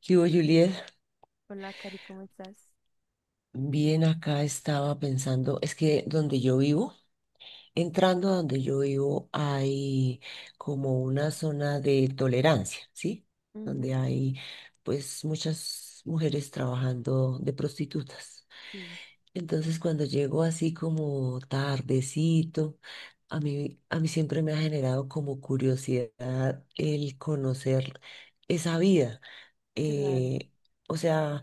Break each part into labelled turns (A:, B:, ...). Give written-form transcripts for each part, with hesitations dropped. A: ¿Qué hubo, Juliet?
B: Hola, Cari, ¿cómo estás?
A: Bien, acá estaba pensando, es que donde yo vivo, entrando a donde yo vivo, hay como una
B: Mm.
A: zona de tolerancia, ¿sí? Donde
B: Ujú.
A: hay pues muchas mujeres trabajando de prostitutas.
B: Sí.
A: Entonces cuando llego así como tardecito, a mí siempre me ha generado como curiosidad el conocer esa vida.
B: Claro.
A: Eh, o sea...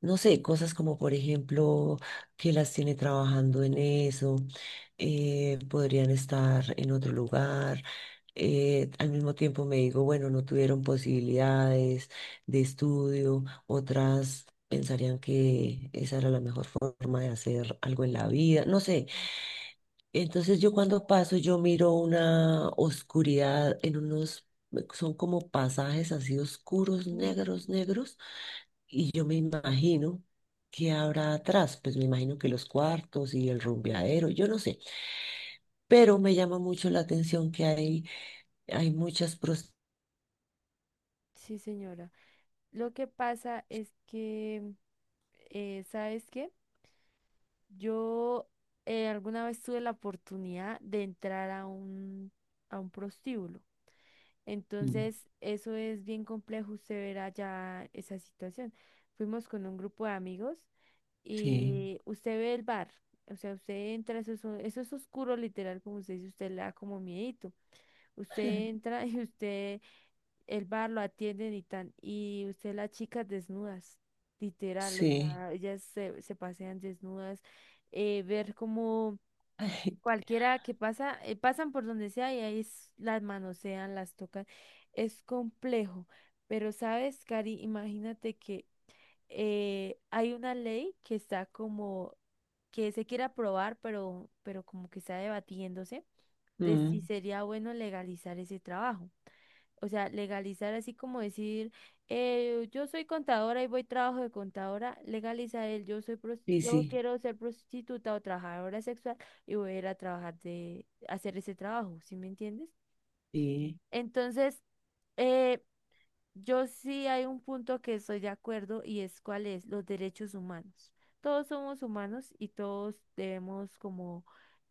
A: no sé, cosas como por ejemplo que las tiene trabajando en eso, podrían estar en otro lugar. Al mismo tiempo me digo, bueno, no tuvieron posibilidades de estudio, otras pensarían que esa era la mejor forma de hacer algo en la vida, no sé.
B: Mm.
A: Entonces yo cuando paso, yo miro una oscuridad en unos, son como pasajes así oscuros,
B: Uy.
A: negros, negros y yo me imagino que habrá atrás, pues me imagino que los cuartos y el
B: eh,
A: rumbeadero, yo no sé, pero me llama mucho la atención que hay muchas
B: sí, señora. Lo que pasa es que, ¿sabes qué? Yo Alguna vez tuve la oportunidad de entrar a a un prostíbulo.
A: Mm,
B: Entonces, eso es bien complejo, usted verá ya esa situación. Fuimos con un grupo de amigos
A: Sí,
B: y usted ve el bar. O sea, usted entra, eso es, eso es oscuro, literal, como usted dice, usted le da como miedito. Usted entra y usted, el bar lo atienden y tan, y usted las chicas desnudas, literal, o
A: sí,
B: sea, se pasean desnudas, ver como
A: ay,
B: cualquiera que pasa, pasan por donde sea y ahí las manosean, las tocan, es complejo, pero sabes, Cari, imagínate que hay una ley que está como que se quiere aprobar, pero como que está debatiéndose de si
A: mm,
B: sería bueno legalizar ese trabajo. O sea, legalizar así como decir, yo soy contadora y voy trabajo de contadora, legalizar el yo soy
A: sí,
B: yo
A: sí,
B: quiero ser prostituta o trabajadora sexual y voy a ir a trabajar de hacer ese trabajo, ¿sí me entiendes?
A: sí.
B: Entonces, eh, yo sí hay un punto que estoy de acuerdo y es cuál es los derechos humanos. Todos somos humanos y todos debemos como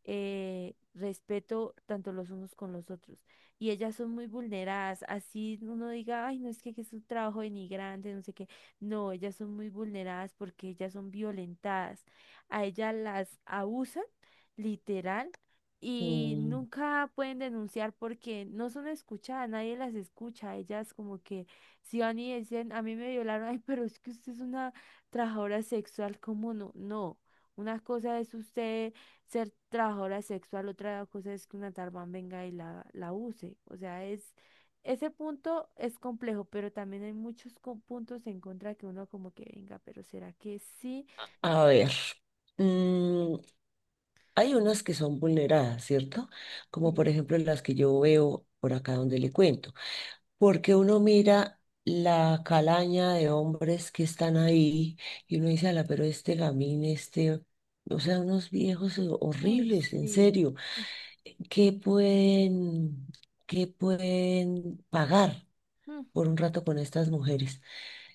B: respeto tanto los unos con los otros. Y ellas son muy vulneradas. Así uno diga, ay, no es que, es un trabajo denigrante, no sé qué. No, ellas son muy vulneradas porque ellas son violentadas. A ellas las abusan, literal. Y
A: Mm.
B: nunca pueden denunciar porque no son escuchadas, nadie las escucha, ellas como que si van y dicen, a mí me violaron, ay, pero es que usted es una trabajadora sexual, ¿cómo no? No. Una cosa es usted ser trabajadora sexual, otra cosa es que una tarbán venga y la use. O sea, es, ese punto es complejo, pero también hay muchos puntos en contra que uno como que venga, pero ¿será que sí?
A: A ver, mm, hay unas que son vulneradas, ¿cierto? Como por
B: Sí.
A: ejemplo las que yo veo por acá donde le cuento. Porque uno mira la calaña de hombres que están ahí y uno dice, ala, pero este gamín, o sea, unos viejos
B: Ay,
A: horribles, en
B: sí.
A: serio, ¿qué pueden, ¿qué pueden pagar
B: Mm.
A: por un rato con estas mujeres?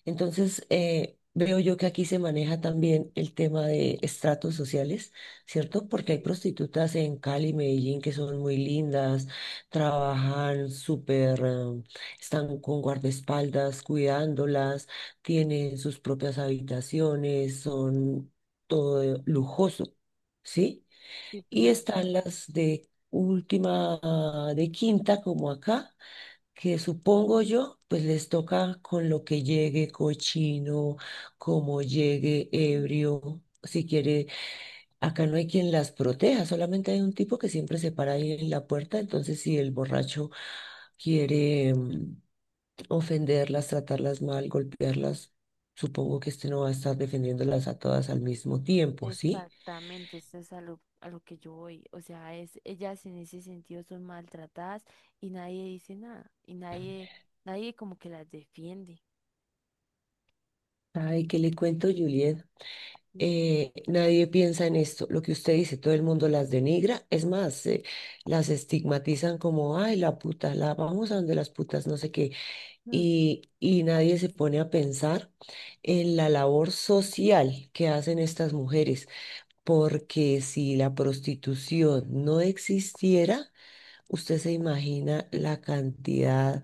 A: Entonces, veo yo que aquí se maneja también el tema de estratos sociales, ¿cierto?
B: Sí.
A: Porque hay prostitutas en Cali, Medellín, que son muy lindas, trabajan súper, están con guardaespaldas cuidándolas, tienen sus propias habitaciones, son todo lujoso, ¿sí?
B: Sí,
A: Y
B: claro.
A: están las de última, ah, de quinta, como acá que supongo yo, pues les toca con lo que llegue, cochino, como llegue, ebrio, si quiere, acá no hay quien las proteja, solamente hay un tipo que siempre se para ahí en la puerta, entonces si el borracho quiere ofenderlas, tratarlas mal, golpearlas, supongo que este no va a estar defendiéndolas a todas al mismo tiempo, ¿sí?
B: Exactamente, eso es a a lo que yo voy. O sea, es, ellas en ese sentido son maltratadas y nadie dice nada. Nadie como que las defiende.
A: Ay, ¿qué le cuento, Juliet?
B: Sí.
A: Nadie piensa en esto. Lo que usted dice, todo el mundo las denigra. Es más, las estigmatizan como, ay, la puta, la vamos a donde las putas, no sé qué.
B: Mm.
A: Y nadie se pone a pensar en la labor social que hacen estas mujeres, porque si la prostitución no existiera, usted se imagina la cantidad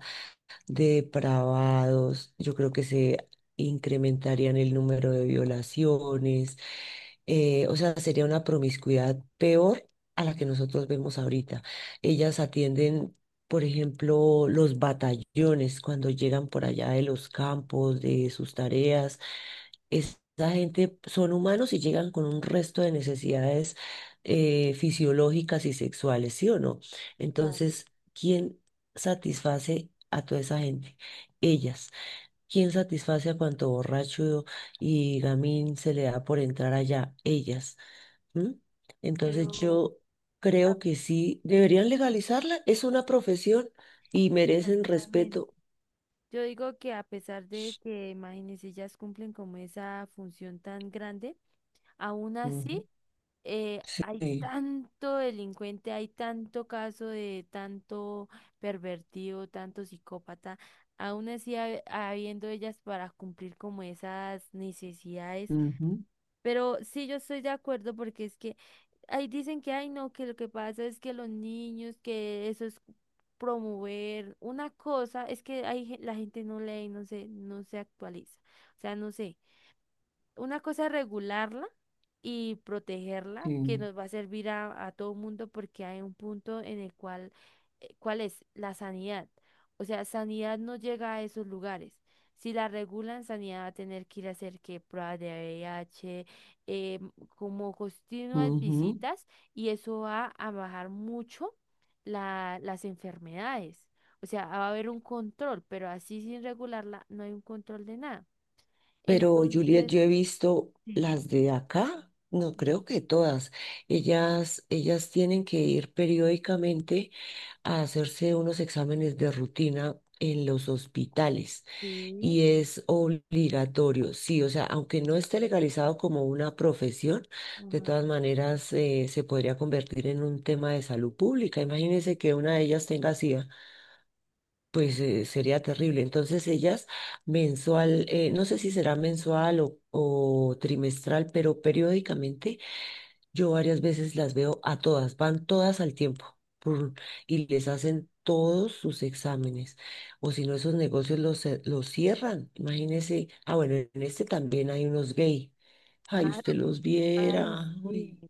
A: depravados, yo creo que se incrementarían el número de violaciones, o sea, sería una promiscuidad peor a la que nosotros vemos ahorita. Ellas atienden, por ejemplo, los batallones cuando llegan por allá de los campos, de sus tareas esa gente son humanos y llegan con un resto de necesidades fisiológicas y sexuales, ¿sí o no?
B: Claro.
A: Entonces, ¿quién satisface a toda esa gente? Ellas. ¿Quién satisface a cuanto borracho y gamín se le da por entrar allá? Ellas. ¿M?
B: Pero,
A: Entonces, yo
B: a-
A: creo que sí, deberían legalizarla. Es una profesión y merecen
B: exactamente.
A: respeto.
B: Yo digo que a pesar de que, imagínense, ellas cumplen como esa función tan grande, aún así,
A: Ujú,
B: hay
A: sí,
B: tanto delincuente, hay tanto caso de tanto pervertido, tanto psicópata. Aún así, habiendo ellas para cumplir como esas necesidades.
A: ujú,
B: Pero sí, yo estoy de acuerdo porque es que ahí dicen que, ay, no, que lo que pasa es que los niños, que eso es promover una cosa, es que hay, la gente no lee, no se actualiza. O sea, no sé. Una cosa es regularla y protegerla, que
A: sí,
B: nos va a servir a todo el mundo porque hay un punto en el cual, ¿cuál es? La sanidad. O sea, sanidad no llega a esos lugares. Si la regulan, sanidad va a tener que ir a hacer que pruebas de VIH, eh, como continuas
A: ujú.
B: visitas y eso va a bajar mucho las enfermedades. O sea, va a haber un control, pero así sin regularla no hay un control de nada.
A: Pero Juliet,
B: Entonces,
A: yo he visto
B: sí.
A: las de acá, no creo que todas. Ellas tienen que ir periódicamente a hacerse unos exámenes de rutina en los hospitales
B: Sí,
A: y es obligatorio, sí, o sea, aunque no esté legalizado como una profesión, de
B: ajá.
A: todas maneras se podría convertir en un tema de salud pública. Imagínense que una de ellas tenga SIDA. Pues sería terrible. Entonces ellas mensual, no sé si será mensual o trimestral, pero periódicamente yo varias veces las veo a todas, van todas al tiempo pur, y les hacen todos sus exámenes. O si no, esos negocios los cierran. Imagínese, ah, bueno, en este también hay unos gay. Ay,
B: Ah,
A: usted los
B: ay,
A: viera.
B: sí.
A: Uy.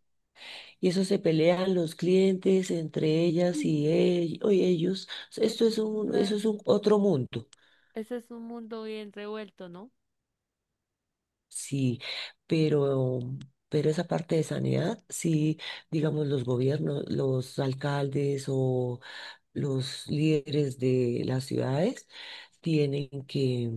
A: Y eso se pelean los clientes entre ellas y o ellos.
B: Eso es una,
A: Eso es un otro mundo,
B: ese es un mundo bien revuelto, ¿no?
A: sí, pero, pero esa parte de sanidad, sí, digamos, los gobiernos, los alcaldes o los líderes de las ciudades tienen que,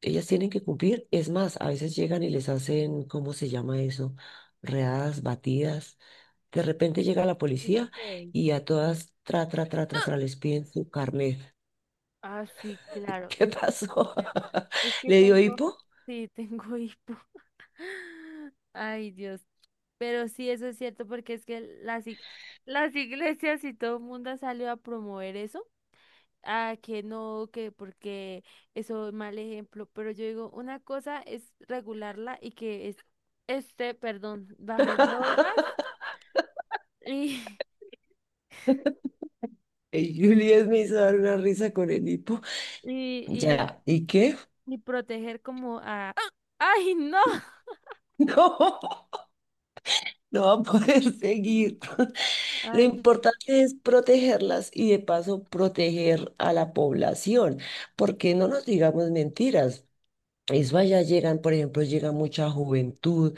A: ellas tienen que cumplir. Es más, a veces llegan y les hacen, ¿cómo se llama eso? Readas, batidas. De repente llega la
B: ¿Eso
A: policía
B: qué es?
A: y a todas, tra, tra, tra, tra, tra, les piden su carnet.
B: Ah, sí, claro.
A: ¿Qué
B: Eso es,
A: pasó?
B: Es que
A: ¿Le dio
B: tengo,
A: hipo?
B: sí, tengo hipo. Ay, Dios. Pero sí, eso es cierto porque es que las, las iglesias y todo el mundo ha salido a promover eso. Ah, que no, que porque eso es mal ejemplo, pero yo digo, una cosa es regularla y que es, esté, perdón, bajo normas y,
A: Y Juliet me hizo dar una risa con el hipo.
B: y, y,
A: Ya, ¿y qué?
B: y proteger como a... ¡Ay, no!
A: No, no va a poder seguir. Lo
B: Ay,
A: importante es protegerlas y de paso proteger a la población, porque no nos digamos mentiras. Eso allá llegan, por ejemplo, llega mucha juventud.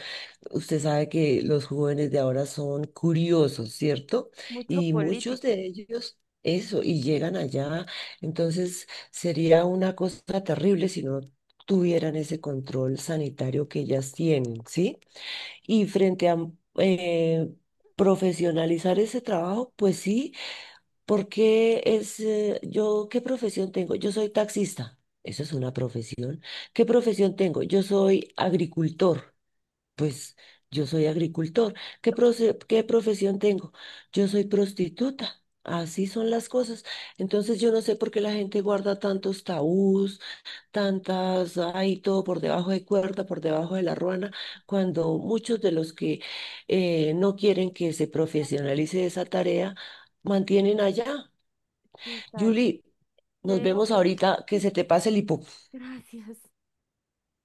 A: Usted sabe que los jóvenes de ahora son curiosos, ¿cierto?
B: mucho
A: Y muchos
B: político.
A: de ellos, eso, y llegan allá. Entonces, sería una cosa terrible si no tuvieran ese control sanitario que ellas tienen, ¿sí? Y frente a eh, profesionalizar ese trabajo, pues sí. Porque es, yo, ¿qué profesión tengo? Yo soy taxista, eso es una profesión. ¿Qué profesión tengo? Yo soy agricultor, pues yo soy agricultor. ¿Qué profesión tengo? Yo soy prostituta, así son las cosas. Entonces yo no sé por qué la gente guarda tantos tabús, tantas, ay, todo por debajo de cuerda, por debajo de la ruana, cuando muchos de los que no quieren que se profesionalice esa tarea, mantienen allá.
B: Sí, Karen,
A: Julie,
B: te
A: nos
B: dejo
A: vemos
B: porque...
A: ahorita, que se te pase el hipo.
B: Gracias.